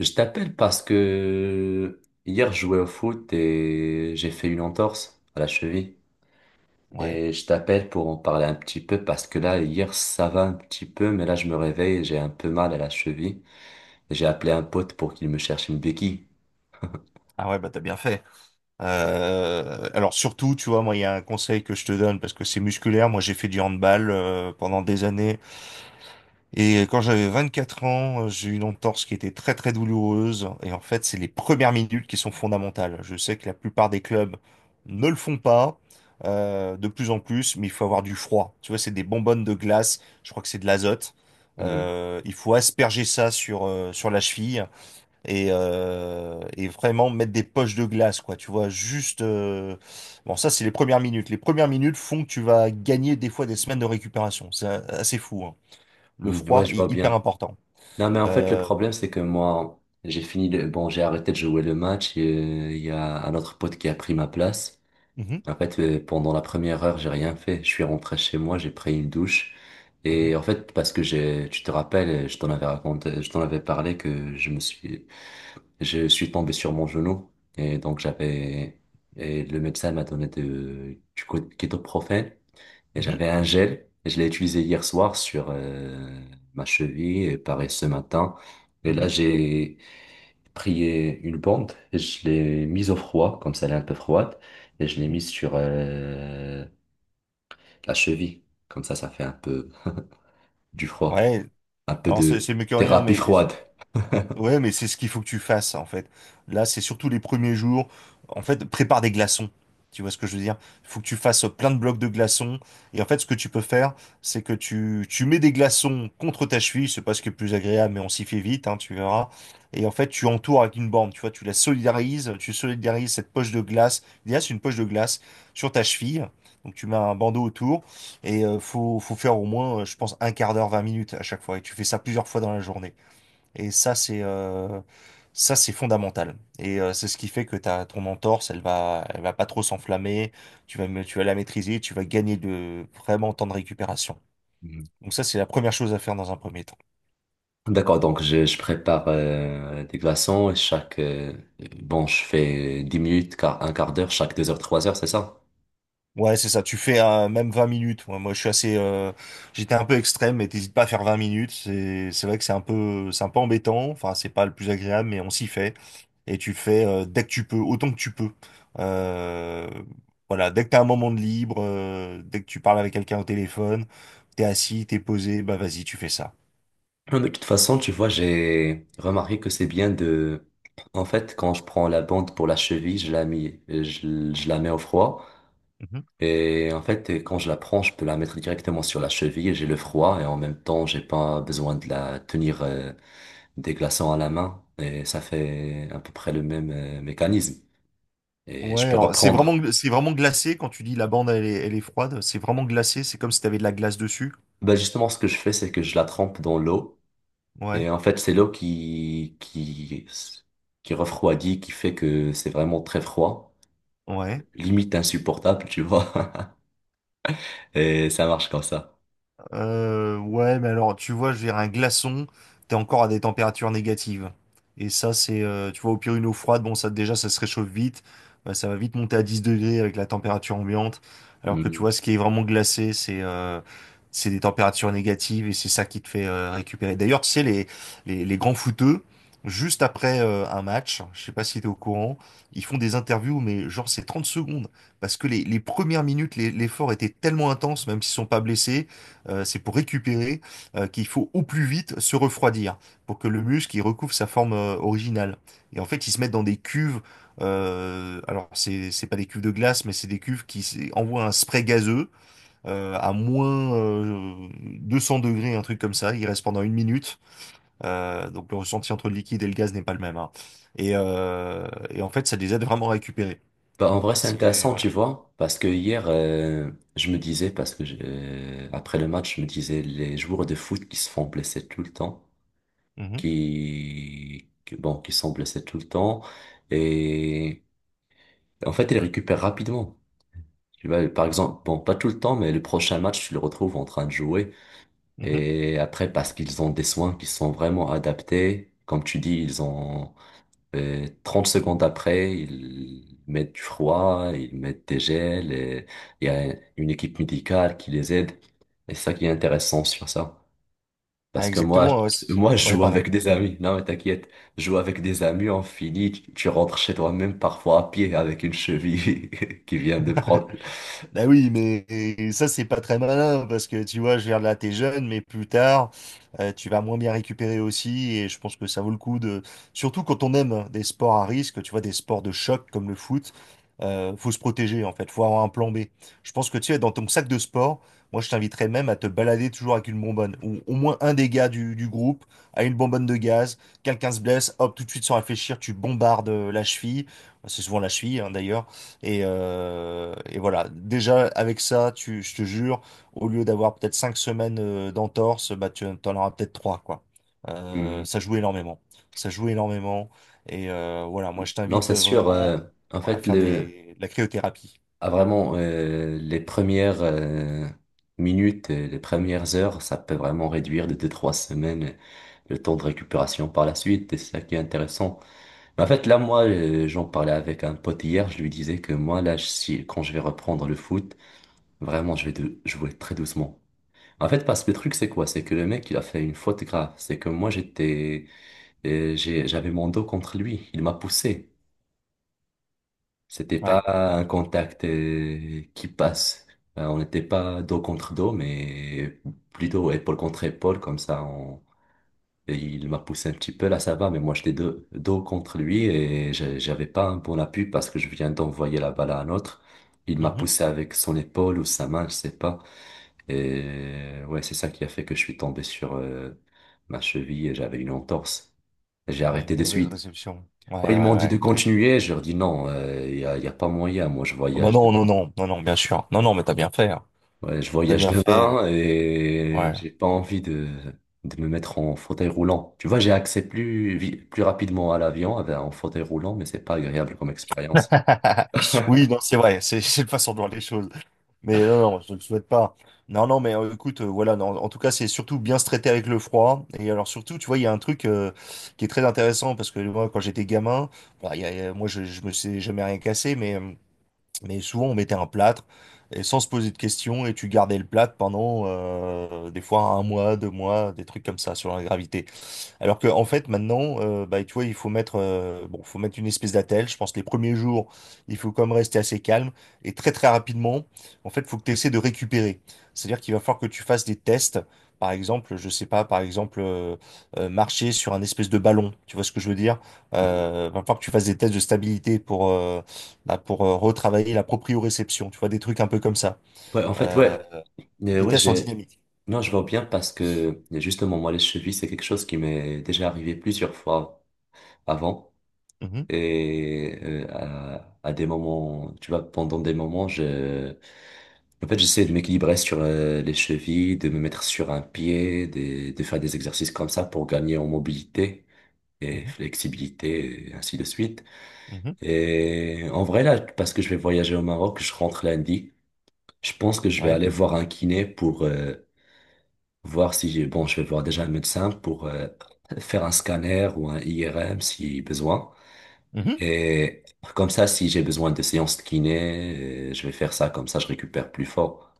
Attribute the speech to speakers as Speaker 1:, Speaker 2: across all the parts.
Speaker 1: Je t'appelle parce que hier je jouais au foot et j'ai fait une entorse à la cheville.
Speaker 2: Ouais.
Speaker 1: Et je t'appelle pour en parler un petit peu parce que là, hier ça va un petit peu, mais là je me réveille et j'ai un peu mal à la cheville. Et j'ai appelé un pote pour qu'il me cherche une béquille.
Speaker 2: Ah ouais, bah t'as bien fait. Alors surtout, tu vois, moi, il y a un conseil que je te donne parce que c'est musculaire. Moi, j'ai fait du handball pendant des années. Et quand j'avais 24 ans, j'ai eu une entorse qui était très très douloureuse. Et en fait, c'est les premières minutes qui sont fondamentales. Je sais que la plupart des clubs ne le font pas de plus en plus, mais il faut avoir du froid. Tu vois, c'est des bonbonnes de glace. Je crois que c'est de l'azote.
Speaker 1: Hmm.
Speaker 2: Il faut asperger ça sur, sur la cheville. Et, et vraiment mettre des poches de glace, quoi. Tu vois, juste. Bon, ça, c'est les premières minutes. Les premières minutes font que tu vas gagner des fois des semaines de récupération. C'est assez fou, hein. Le
Speaker 1: Hmm. Ouais,
Speaker 2: froid
Speaker 1: je vois
Speaker 2: est hyper
Speaker 1: bien.
Speaker 2: important.
Speaker 1: Non, mais en fait, le
Speaker 2: Euh,
Speaker 1: problème, c'est que moi, j'ai fini le... Bon, j'ai arrêté de jouer le match. Il y a un autre pote qui a pris ma place.
Speaker 2: mhm,
Speaker 1: En fait, pendant la première heure, j'ai rien fait. Je suis rentré chez moi, j'ai pris une douche. Et en fait, parce que j'ai, tu te rappelles, je t'en avais raconté, je t'en avais parlé que je suis tombé sur mon genou. Et donc, j'avais, et le médecin m'a donné de, kétoprophène. Et
Speaker 2: mhm,
Speaker 1: j'avais un gel, et je l'ai utilisé hier soir sur ma cheville, et pareil ce matin. Et
Speaker 2: mhm,
Speaker 1: là,
Speaker 2: mhm,
Speaker 1: j'ai pris une bande, et je l'ai mise au froid, comme ça elle est un peu froide, et je l'ai
Speaker 2: mhm.
Speaker 1: mise sur la cheville. Comme ça fait un peu du froid,
Speaker 2: Ouais,
Speaker 1: un peu
Speaker 2: alors c'est
Speaker 1: de
Speaker 2: c'est mieux que rien,
Speaker 1: thérapie
Speaker 2: mais
Speaker 1: froide.
Speaker 2: ouais, mais c'est ce qu'il faut que tu fasses, en fait. Là, c'est surtout les premiers jours. En fait, prépare des glaçons. Tu vois ce que je veux dire? Il faut que tu fasses plein de blocs de glaçons. Et en fait, ce que tu peux faire, c'est que tu mets des glaçons contre ta cheville. C'est pas ce qui est le plus agréable, mais on s'y fait vite, hein, tu verras. Et en fait, tu entoures avec une borne. Tu vois, tu la solidarises. Tu solidarises cette poche de glace. Il y a c'est une poche de glace sur ta cheville. Donc, tu mets un bandeau autour. Et faut faire au moins, je pense, un quart d'heure, 20 minutes à chaque fois. Et tu fais ça plusieurs fois dans la journée. Et ça, c'est fondamental. Et c'est ce qui fait que ta ton entorse, elle va pas trop s'enflammer. Tu vas la maîtriser. Tu vas gagner de vraiment temps de récupération.
Speaker 1: Mhm.
Speaker 2: Donc ça, c'est la première chose à faire dans un premier temps.
Speaker 1: D'accord, donc je prépare des glaçons, et bon, je fais 10 minutes, un quart d'heure, chaque 2 heures, 3 heures, c'est ça?
Speaker 2: Ouais, c'est ça. Tu fais même 20 minutes. Moi, je suis assez. J'étais un peu extrême, mais t'hésites pas à faire 20 minutes. C'est vrai que c'est un peu embêtant. Enfin, c'est pas le plus agréable, mais on s'y fait. Et tu le fais dès que tu peux, autant que tu peux. Euh, voilà, dès que t'as un moment de libre, dès que tu parles avec quelqu'un au téléphone, t'es assis, t'es posé, bah vas-y, tu fais ça.
Speaker 1: Non, de toute façon, tu vois, j'ai remarqué que c'est bien de... En fait, quand je prends la bande pour la cheville, je la mets au froid.
Speaker 2: Mhm.
Speaker 1: Et en fait, quand je la prends, je peux la mettre directement sur la cheville et j'ai le froid. Et en même temps, j'ai pas besoin de la tenir des glaçons à la main. Et ça fait à peu près le même mécanisme. Et
Speaker 2: Ouais,
Speaker 1: je peux
Speaker 2: alors
Speaker 1: reprendre.
Speaker 2: c'est vraiment glacé quand tu dis la bande elle est froide. C'est vraiment glacé. C'est comme si t'avais de la glace dessus.
Speaker 1: Bah, justement, ce que je fais, c'est que je la trempe dans l'eau.
Speaker 2: Ouais,
Speaker 1: Et en fait, c'est l'eau qui refroidit, qui fait que c'est vraiment très froid,
Speaker 2: ouais.
Speaker 1: limite insupportable, tu vois. Et ça marche comme ça.
Speaker 2: Ouais, mais alors, tu vois, je vais un glaçon, t'es encore à des températures négatives. Et ça, tu vois, au pire, une eau froide, bon, ça, déjà, ça se réchauffe vite. Bah, ça va vite monter à 10 degrés avec la température ambiante. Alors que, tu
Speaker 1: Mm.
Speaker 2: vois, ce qui est vraiment glacé, c'est des températures négatives et c'est ça qui te fait récupérer. D'ailleurs, tu sais, les grands footeux, juste après un match, je sais pas si t'es au courant, ils font des interviews, mais genre, c'est 30 secondes. Parce que les premières minutes, l'effort était tellement intense, même s'ils sont pas blessés c'est pour récupérer qu'il faut au plus vite se refroidir pour que le muscle il recouvre sa forme originale. Et en fait, ils se mettent dans des cuves. Alors, c'est pas des cuves de glace, mais c'est des cuves qui envoient un spray gazeux à moins 200 degrés, un truc comme ça. Il reste pendant une minute. Donc, le ressenti entre le liquide et le gaz n'est pas le même, hein. Et en fait, ça les aide vraiment à récupérer.
Speaker 1: Bah, en vrai, c'est
Speaker 2: C'est
Speaker 1: intéressant, tu
Speaker 2: voilà.
Speaker 1: vois, parce que hier, je me disais, après le match, je me disais, les joueurs de foot qui se font blesser tout le temps,
Speaker 2: Mhm,
Speaker 1: bon, qui sont blessés tout le temps, et en fait, ils récupèrent rapidement. Tu vois, par exemple, bon, pas tout le temps, mais le prochain match, tu le retrouves en train de jouer.
Speaker 2: mhm.
Speaker 1: Et après, parce qu'ils ont des soins qui sont vraiment adaptés, comme tu dis, ils ont. Et 30 secondes après, ils mettent du froid, ils mettent des gels et il y a une équipe médicale qui les aide. Et c'est ça qui est intéressant sur ça. Parce
Speaker 2: Ouais,
Speaker 1: que
Speaker 2: exactement. Ouais,
Speaker 1: moi, je
Speaker 2: ouais,
Speaker 1: joue
Speaker 2: pardon.
Speaker 1: avec des amis. Non, mais t'inquiète. Je joue avec des amis, on finit. Tu rentres chez toi même parfois à pied avec une cheville qui vient de prendre.
Speaker 2: Bah oui, mais ça, c'est pas très malin parce que tu vois, je veux dire, là, t'es jeune, mais plus tard, tu vas moins bien récupérer aussi. Et je pense que ça vaut le coup de. Surtout quand on aime des sports à risque, tu vois, des sports de choc comme le foot, faut se protéger en fait, faut avoir un plan B. Je pense que tu es dans ton sac de sport, moi, je t'inviterais même à te balader toujours avec une bonbonne ou au moins un des gars du groupe a une bonbonne de gaz. Quelqu'un se blesse, hop, tout de suite sans réfléchir, tu bombardes la cheville. Bah, c'est souvent la cheville, hein, d'ailleurs. Et voilà, déjà avec ça, tu, je te jure, au lieu d'avoir peut-être 5 semaines d'entorse, bah tu en auras peut-être trois, quoi.
Speaker 1: Hmm.
Speaker 2: Ça joue énormément. Ça joue énormément. Et voilà, moi je
Speaker 1: Non,
Speaker 2: t'invite
Speaker 1: c'est sûr.
Speaker 2: vraiment
Speaker 1: En
Speaker 2: à
Speaker 1: fait,
Speaker 2: faire
Speaker 1: le,
Speaker 2: de la cryothérapie.
Speaker 1: Ah, vraiment, les premières minutes, et les premières heures, ça peut vraiment réduire de deux-trois semaines le temps de récupération par la suite, et c'est ça qui est intéressant. Mais en fait, là, moi, j'en parlais avec un pote hier, je lui disais que moi, là, si, quand je vais reprendre le foot, vraiment, je vais jouer très doucement. En fait, parce que le truc, c'est quoi? C'est que le mec, il a fait une faute grave. C'est que moi, j'étais, j'avais mon dos contre lui, il m'a poussé. C'était pas
Speaker 2: Ouais.
Speaker 1: un contact qui passe. On n'était pas dos contre dos, mais plutôt épaule contre épaule, comme ça. On... et il m'a poussé un petit peu, là ça va, mais moi j'étais dos contre lui et j'avais pas un bon appui parce que je viens d'envoyer la balle à un autre. Il m'a
Speaker 2: Mhm.
Speaker 1: poussé avec son épaule ou sa main, je sais pas. Et ouais, c'est ça qui a fait que je suis tombé sur ma cheville et j'avais une entorse. J'ai
Speaker 2: Ouais, une
Speaker 1: arrêté de
Speaker 2: mauvaise
Speaker 1: suite.
Speaker 2: réception. Ouais, ouais,
Speaker 1: Ils m'ont dit de
Speaker 2: ouais, ouais.
Speaker 1: continuer, je leur dis non, il n'y a, y a pas moyen, moi je
Speaker 2: Ah bah
Speaker 1: voyage.
Speaker 2: non, non, non, non, non, bien sûr. Non, non, mais t'as bien fait, hein.
Speaker 1: Ouais, je
Speaker 2: T'as
Speaker 1: voyage
Speaker 2: bien
Speaker 1: demain
Speaker 2: fait.
Speaker 1: et
Speaker 2: Ouais.
Speaker 1: j'ai pas envie de me mettre en fauteuil roulant. Tu vois, j'ai accès plus, vi- plus rapidement à l'avion avec en fauteuil roulant, mais c'est pas agréable comme expérience.
Speaker 2: Oui, non, c'est vrai, c'est c'est une façon de voir les choses. Mais non, non, je ne le souhaite pas. Non, non, mais écoute, voilà, non, en tout cas, c'est surtout bien se traiter avec le froid. Et alors, surtout, tu vois, il y a un truc qui est très intéressant parce que moi, quand j'étais gamin, bah, moi, je me sais jamais rien cassé, mais souvent, on mettait un plâtre et sans se poser de questions et tu gardais le plâtre pendant des fois 1 mois, 2 mois, des trucs comme ça sur la gravité. Alors que en fait maintenant, bah, tu vois, il faut mettre, bon, faut mettre une espèce d'attelle. Je pense que les premiers jours, il faut quand même rester assez calme et très très rapidement. En fait, faut que tu essaies de récupérer. C'est-à-dire qu'il va falloir que tu fasses des tests. Par exemple, je sais pas, par exemple, marcher sur un espèce de ballon. Tu vois ce que je veux dire?
Speaker 1: Mhm.
Speaker 2: Va falloir que tu fasses des tests de stabilité pour, bah, pour retravailler la proprioception. Tu vois, des trucs un peu comme ça.
Speaker 1: Ouais, en fait,
Speaker 2: Euh,
Speaker 1: ouais,
Speaker 2: des
Speaker 1: ouais,
Speaker 2: tests en
Speaker 1: j'ai,
Speaker 2: dynamique.
Speaker 1: non, je
Speaker 2: Mhm,
Speaker 1: vois bien parce que justement, moi, les chevilles, c'est quelque chose qui m'est déjà arrivé plusieurs fois avant.
Speaker 2: mhm,
Speaker 1: Et à des moments, tu vois, pendant des moments, je, en fait, j'essaie de m'équilibrer sur les chevilles, de me mettre sur un pied, de faire des exercices comme ça pour gagner en mobilité et
Speaker 2: mhm,
Speaker 1: flexibilité, et ainsi de suite.
Speaker 2: mhm.
Speaker 1: Et en vrai, là, parce que je vais voyager au Maroc, je rentre lundi. Je pense que je vais
Speaker 2: Ouais.
Speaker 1: aller voir un kiné pour voir si j'ai... Bon, je vais voir déjà un médecin pour faire un scanner ou un IRM si besoin.
Speaker 2: Mhm.
Speaker 1: Et comme ça, si j'ai besoin de séances de kiné, je vais faire ça, comme ça je récupère plus fort.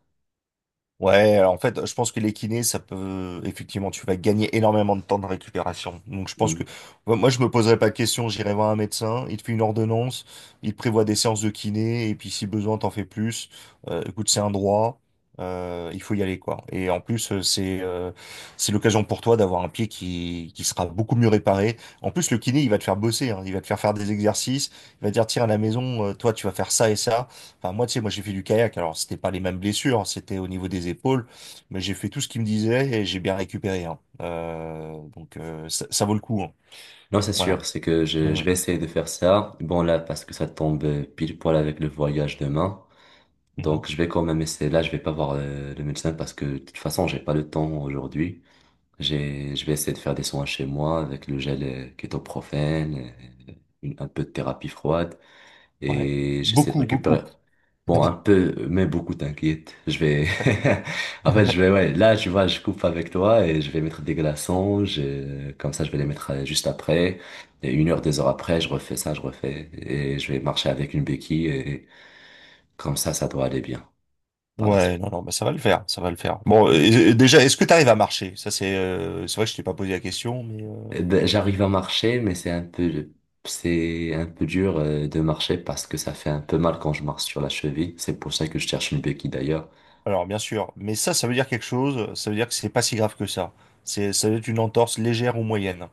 Speaker 2: Ouais, alors en fait, je pense que les kinés, ça peut, effectivement, tu vas gagner énormément de temps de récupération. Donc, je pense
Speaker 1: Hmm.
Speaker 2: que, moi, je me poserai pas de questions, j'irai voir un médecin, il te fait une ordonnance, il te prévoit des séances de kiné, et puis si besoin, t'en fais plus. Écoute, c'est un droit, il faut y aller, quoi. Et en plus, c'est l'occasion pour toi d'avoir un pied qui sera beaucoup mieux réparé. En plus, le kiné, il va te faire bosser, hein, il va te faire faire des exercices, il va te dire, tiens, à la maison, toi, tu vas faire ça et ça. Enfin, moi, tu sais, moi, j'ai fait du kayak. Alors, c'était pas les mêmes blessures, c'était au niveau des épaules, mais j'ai fait tout ce qu'il me disait et j'ai bien récupéré, hein. Donc, ça, ça vaut le coup, hein.
Speaker 1: Non, c'est
Speaker 2: Voilà.
Speaker 1: sûr, c'est que je
Speaker 2: Mhm.
Speaker 1: vais essayer de faire ça. Bon, là, parce que ça tombe pile poil avec le voyage demain.
Speaker 2: Mhm.
Speaker 1: Donc, je vais quand même essayer. Là, je vais pas voir le médecin parce que de toute façon, j'ai pas le temps aujourd'hui. J'ai, je vais essayer de faire des soins chez moi avec le gel kétoprophène, euh, un peu de thérapie froide,
Speaker 2: Ouais.
Speaker 1: et j'essaie de
Speaker 2: Beaucoup,
Speaker 1: récupérer.
Speaker 2: beaucoup.
Speaker 1: Bon, un peu, mais beaucoup, t'inquiète. Je vais, en fait, je vais, ouais, là, tu vois, je coupe avec toi et je vais mettre des glaçons, comme ça, je vais les mettre juste après. Et une heure, deux heures après, je refais ça, je refais et je vais marcher avec une béquille et comme ça doit aller bien par la
Speaker 2: Ouais,
Speaker 1: suite.
Speaker 2: non, non, bah, ça va le faire, ça va le faire. Bon,
Speaker 1: Mm.
Speaker 2: déjà, est-ce que tu arrives à marcher? Ça, c'est vrai que je t'ai pas posé la question, mais
Speaker 1: Eh ben, j'arrive à marcher, mais c'est un peu dur de marcher parce que ça fait un peu mal quand je marche sur la cheville. C'est pour ça que je cherche une béquille d'ailleurs.
Speaker 2: alors, bien sûr. Mais ça veut dire quelque chose. Ça veut dire que c'est pas si grave que ça. Ça doit être une entorse légère ou moyenne.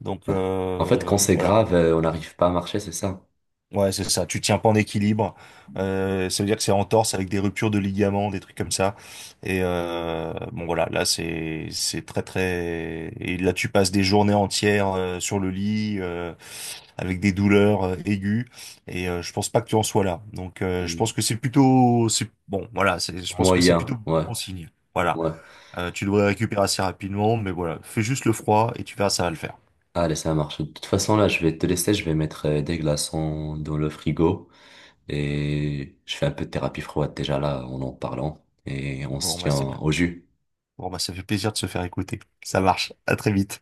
Speaker 2: Donc,
Speaker 1: Ouais. En fait, quand c'est
Speaker 2: voilà.
Speaker 1: grave, on n'arrive pas à marcher, c'est ça?
Speaker 2: Ouais, c'est ça. Tu tiens pas en équilibre. Ça veut dire que c'est en torse avec des ruptures de ligaments, des trucs comme ça. Et bon voilà, là c'est très très. Et là tu passes des journées entières sur le lit avec des douleurs aiguës. Et je pense pas que tu en sois là. Je pense
Speaker 1: Hmm.
Speaker 2: que c'est plutôt c'est bon voilà. C'est je pense que c'est
Speaker 1: Moyen,
Speaker 2: plutôt
Speaker 1: ouais,
Speaker 2: bon signe. Voilà.
Speaker 1: ouais.
Speaker 2: Tu devrais récupérer assez rapidement, mais voilà, fais juste le froid et tu verras, ça va le faire.
Speaker 1: Allez, ça marche. De toute façon, là, je vais te laisser, je vais mettre des glaçons dans le frigo et je fais un peu de thérapie froide déjà là en en parlant et on se
Speaker 2: Bon bah
Speaker 1: tient
Speaker 2: c'est bien.
Speaker 1: au jus.
Speaker 2: Bon bah ça fait plaisir de se faire écouter. Ça marche. À très vite.